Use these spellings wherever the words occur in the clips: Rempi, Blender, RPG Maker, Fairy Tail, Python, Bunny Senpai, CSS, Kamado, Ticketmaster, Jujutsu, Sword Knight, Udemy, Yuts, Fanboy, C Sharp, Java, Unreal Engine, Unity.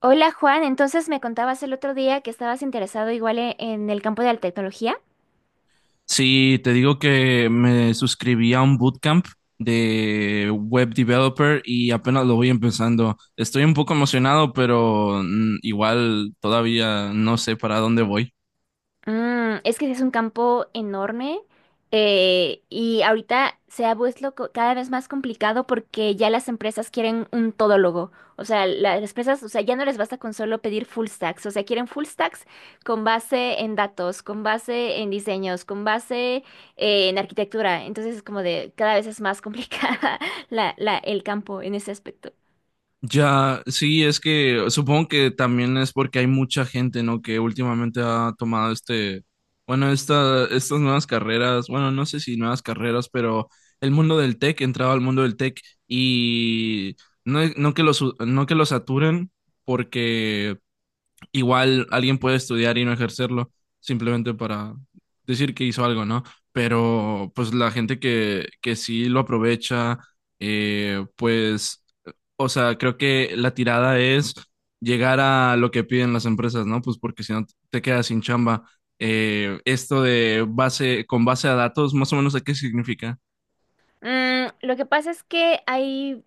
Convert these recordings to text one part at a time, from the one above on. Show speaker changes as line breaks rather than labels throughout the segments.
Hola Juan, entonces me contabas el otro día que estabas interesado igual en el campo de la tecnología.
Sí, te digo que me suscribí a un bootcamp de web developer y apenas lo voy empezando. Estoy un poco emocionado, pero igual todavía no sé para dónde voy.
Es que es un campo enorme, y ahorita se ha vuelto cada vez más complicado porque ya las empresas quieren un todólogo. O sea, las empresas, o sea, ya no les basta con solo pedir full stacks. O sea, quieren full stacks con base en datos, con base en diseños, con base en arquitectura. Entonces es como de cada vez es más complicada el campo en ese aspecto.
Ya, sí, es que supongo que también es porque hay mucha gente, ¿no? Que últimamente ha tomado estas nuevas carreras, bueno, no sé si nuevas carreras, pero el mundo del tech, entraba al mundo del tech y no que los saturen porque igual alguien puede estudiar y no ejercerlo simplemente para decir que hizo algo, ¿no? Pero pues la gente que sí lo aprovecha, pues, o sea, creo que la tirada es llegar a lo que piden las empresas, ¿no? Pues porque si no te quedas sin chamba. Esto de base, con base a datos, más o menos, ¿de qué significa?
Lo que pasa es que hay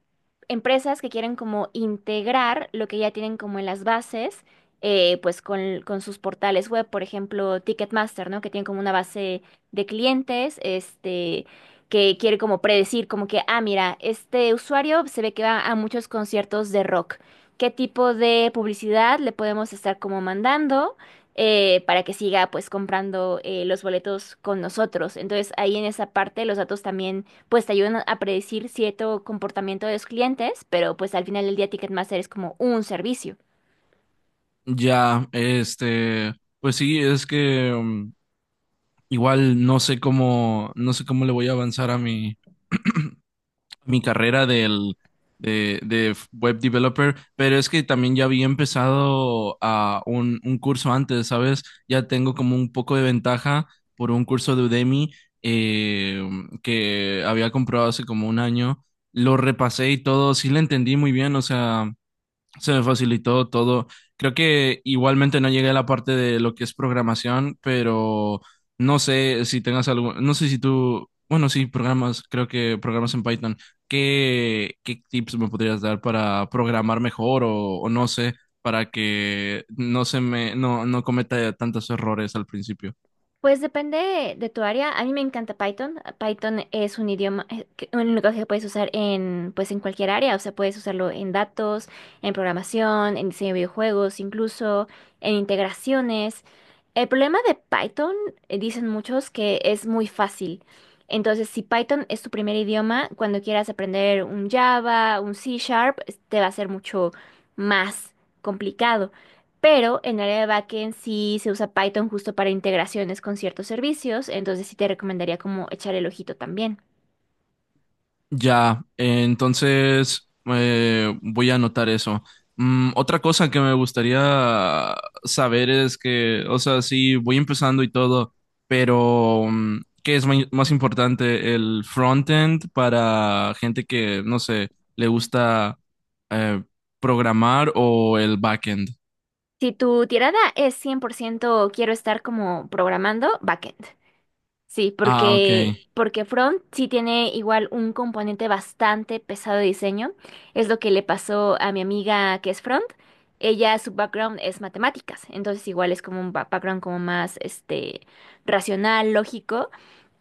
empresas que quieren como integrar lo que ya tienen como en las bases, pues con sus portales web, por ejemplo, Ticketmaster, ¿no? Que tiene como una base de clientes, este, que quiere como predecir, como que, ah, mira, este usuario se ve que va a muchos conciertos de rock. ¿Qué tipo de publicidad le podemos estar como mandando? Para que siga pues comprando los boletos con nosotros. Entonces ahí en esa parte los datos también pues te ayudan a predecir cierto comportamiento de los clientes, pero pues al final del día Ticketmaster es como un servicio.
Ya, este, pues sí, es que igual no sé cómo, no sé cómo le voy a avanzar a mi carrera de web developer, pero es que también ya había empezado a un curso antes, ¿sabes? Ya tengo como un poco de ventaja por un curso de Udemy, eh, que había comprado hace como un año. Lo repasé y todo, sí le entendí muy bien, o sea, se me facilitó todo. Creo que igualmente no llegué a la parte de lo que es programación, pero no sé si tengas algo, no sé si tú, bueno, sí, programas, creo que programas en Python. ¿¿Qué tips me podrías dar para programar mejor o no sé, para que no se me, no cometa tantos errores al principio?
Pues depende de tu área. A mí me encanta Python. Python es un idioma, un lenguaje que puedes usar en, pues, en cualquier área. O sea, puedes usarlo en datos, en programación, en diseño de videojuegos, incluso en integraciones. El problema de Python, dicen muchos, que es muy fácil. Entonces, si Python es tu primer idioma, cuando quieras aprender un Java, un C Sharp, te va a ser mucho más complicado. Pero en área de backend sí se usa Python justo para integraciones con ciertos servicios, entonces sí te recomendaría como echar el ojito también.
Ya, entonces voy a anotar eso. Mm, otra cosa que me gustaría saber es que, o sea, sí, voy empezando y todo, pero ¿qué es más importante? ¿El frontend para gente que, no sé, le gusta eh, programar o el backend?
Si tu tirada es 100% quiero estar como programando, backend. Sí,
Ah, ok.
porque front sí tiene igual un componente bastante pesado de diseño. Es lo que le pasó a mi amiga que es front. Ella, su background es matemáticas, entonces igual es como un background como más este racional, lógico.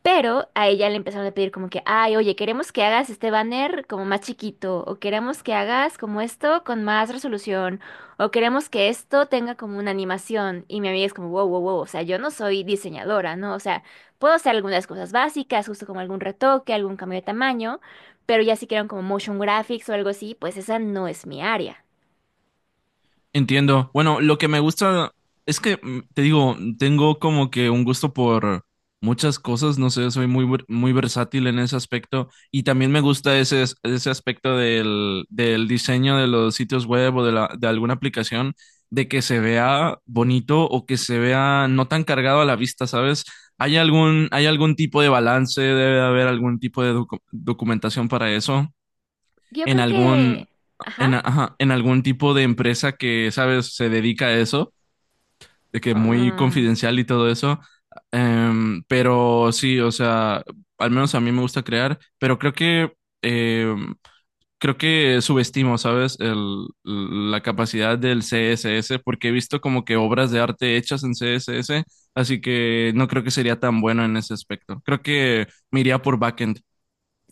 Pero a ella le empezaron a pedir como que, ay, oye, queremos que hagas este banner como más chiquito, o queremos que hagas como esto con más resolución, o queremos que esto tenga como una animación. Y mi amiga es como, wow, wow, wow, o sea, yo no soy diseñadora, ¿no? O sea, puedo hacer algunas cosas básicas, justo como algún retoque, algún cambio de tamaño, pero ya si quieren como motion graphics o algo así, pues esa no es mi área.
Entiendo. Bueno, lo que me gusta es que, te digo, tengo como que un gusto por muchas cosas, no sé, muy versátil en ese aspecto y también me gusta ese aspecto del diseño de los sitios web o de, de alguna aplicación, de que se vea bonito o que se vea no tan cargado a la vista, ¿sabes? ¿Hay algún tipo de balance? ¿Debe haber algún tipo de documentación para eso?
Yo
En
creo
algún,
que, ajá.
en, ajá, en algún tipo de empresa que, sabes, se dedica a eso, de que muy confidencial y todo eso. Pero sí, o sea, al menos a mí me gusta crear, pero em, creo que subestimo, ¿sabes? La capacidad del CSS, porque he visto como que obras de arte hechas en CSS, así que no creo que sería tan bueno en ese aspecto. Creo que me iría por backend.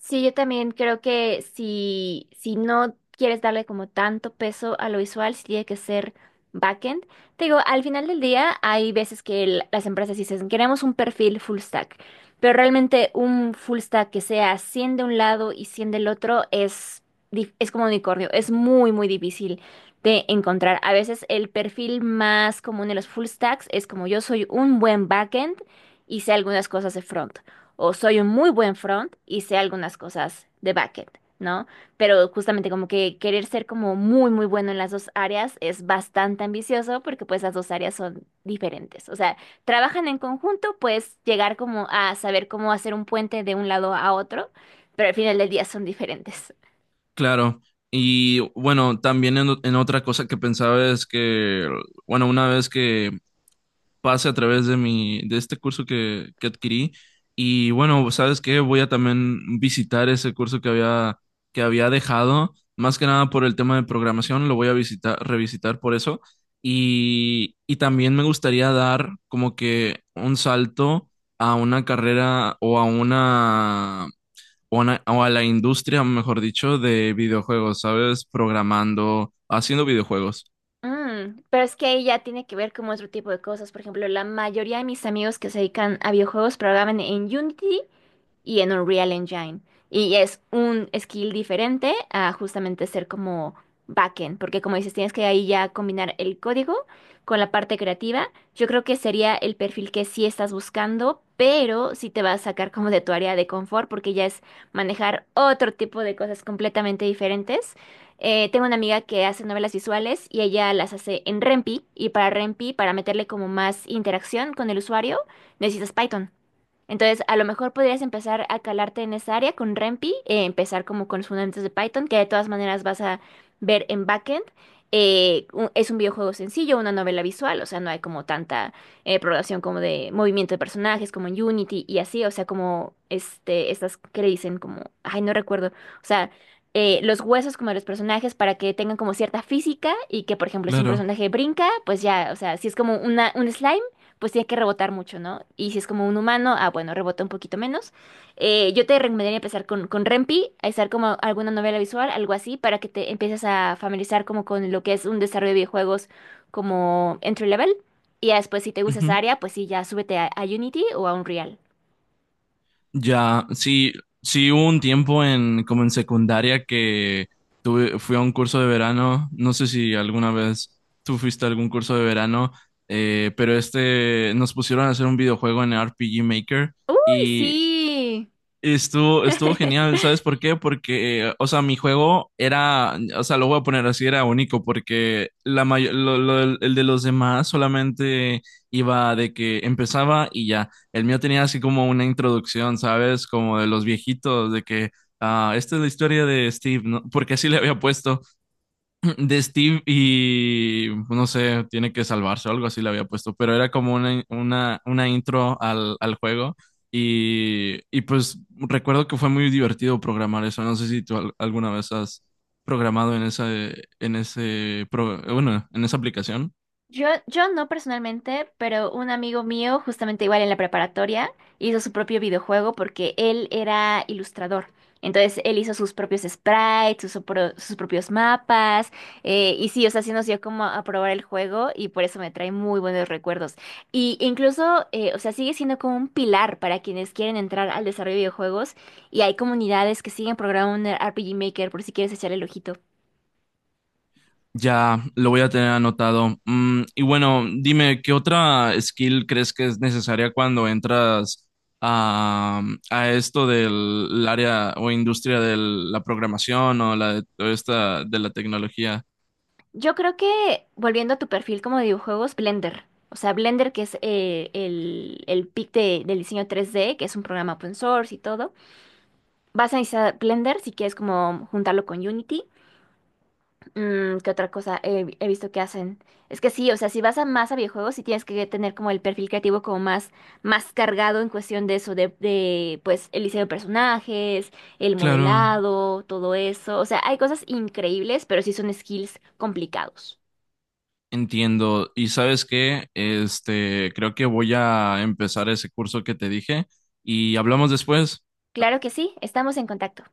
Sí, yo también creo que si, si no quieres darle como tanto peso a lo visual, sí tiene que ser backend. Te digo, al final del día hay veces que las empresas dicen, queremos un perfil full stack, pero realmente un full stack que sea 100 de un lado y 100 del otro es, es como unicornio, es muy, muy difícil de encontrar. A veces el perfil más común de los full stacks es como yo soy un buen backend y sé algunas cosas de front o soy un muy buen front y sé algunas cosas de backend, ¿no? Pero justamente como que querer ser como muy, muy bueno en las dos áreas es bastante ambicioso porque pues las dos áreas son diferentes. O sea, trabajan en conjunto, puedes llegar como a saber cómo hacer un puente de un lado a otro, pero al final del día son diferentes.
Claro, y bueno, también en otra cosa que pensaba es que, bueno, una vez que pase a través de mi, de este curso que adquirí, y bueno, ¿sabes qué? Voy a también visitar ese curso que había dejado, más que nada por el tema de programación, lo voy a visitar, revisitar por eso, y también me gustaría dar como que un salto a una carrera o a una o a la industria, mejor dicho, de videojuegos, ¿sabes? Programando, haciendo videojuegos.
Pero es que ahí ya tiene que ver con otro tipo de cosas. Por ejemplo, la mayoría de mis amigos que se dedican a videojuegos programan en Unity y en Unreal Engine. Y es un skill diferente a justamente ser como backend, porque como dices, tienes que ahí ya combinar el código con la parte creativa. Yo creo que sería el perfil que sí estás buscando, pero sí te va a sacar como de tu área de confort, porque ya es manejar otro tipo de cosas completamente diferentes. Tengo una amiga que hace novelas visuales y ella las hace en Rempi, y para Rempi, para meterle como más interacción con el usuario, necesitas Python. Entonces, a lo mejor podrías empezar a calarte en esa área con Rempi, empezar como con los fundamentos de Python, que de todas maneras vas a ver en backend. Es un videojuego sencillo, una novela visual, o sea, no hay como tanta programación como de movimiento de personajes, como en Unity y así, o sea, como este, estas que le dicen como, ay, no recuerdo, o sea, los huesos como de los personajes para que tengan como cierta física y que, por ejemplo, si un
Claro.
personaje brinca, pues ya, o sea, si es como una, un slime pues tiene que rebotar mucho, ¿no? Y si es como un humano, ah, bueno, rebota un poquito menos. Yo te recomendaría empezar con Rempi, a estar como alguna novela visual, algo así, para que te empieces a familiarizar como con lo que es un desarrollo de videojuegos como entry level. Y ya después, si te gusta esa
Ujú.
área, pues sí, ya súbete a Unity o a Unreal.
Ya, sí, sí hubo un tiempo en, como en secundaria que tuve, fui a un curso de verano, no sé si alguna vez tú fuiste a algún curso de verano, pero este, nos pusieron a hacer un videojuego en RPG Maker
¡Uy,
y
sí!
estuvo, estuvo genial, ¿sabes por qué? Porque, o sea, mi juego era, o sea, lo voy a poner así, era único, porque la may- lo- el de los demás solamente iba de que empezaba y ya. El mío tenía así como una introducción, ¿sabes? Como de los viejitos, de que, ah, esta es la historia de Steve, ¿no? Porque así le había puesto de Steve y pues, no sé, tiene que salvarse o algo así le había puesto, pero era como una intro al juego y pues recuerdo que fue muy divertido programar eso. No sé si tú alguna vez has programado en esa, en ese, bueno, en esa aplicación.
Yo no personalmente, pero un amigo mío, justamente igual en la preparatoria, hizo su propio videojuego porque él era ilustrador. Entonces él hizo sus propios sprites, sus propios mapas, y sí, o sea, sí nos dio como a probar el juego y por eso me trae muy buenos recuerdos. Y incluso, o sea, sigue siendo como un pilar para quienes quieren entrar al desarrollo de videojuegos y hay comunidades que siguen programando un RPG Maker por si quieres echarle el ojito.
Ya, lo voy a tener anotado. Mm, y bueno, dime, ¿qué otra skill crees que es necesaria cuando entras a, a esto del área o industria de la programación o la de toda esta de la tecnología?
Yo creo que, volviendo a tu perfil como de videojuegos, Blender. O sea, Blender, que es el pic del diseño tres d que es un programa open source y todo. Vas a necesitar Blender si quieres como juntarlo con Unity. Mm, ¿qué otra cosa he visto que hacen? Es que sí, o sea, si vas a más a videojuegos, sí tienes que tener como el perfil creativo como más, más cargado en cuestión de eso, de pues el diseño de personajes, el
Claro,
modelado, todo eso. O sea, hay cosas increíbles, pero sí son skills complicados.
entiendo. ¿Y sabes qué? Este, creo que voy a empezar ese curso que te dije y hablamos después.
Claro que sí, estamos en contacto.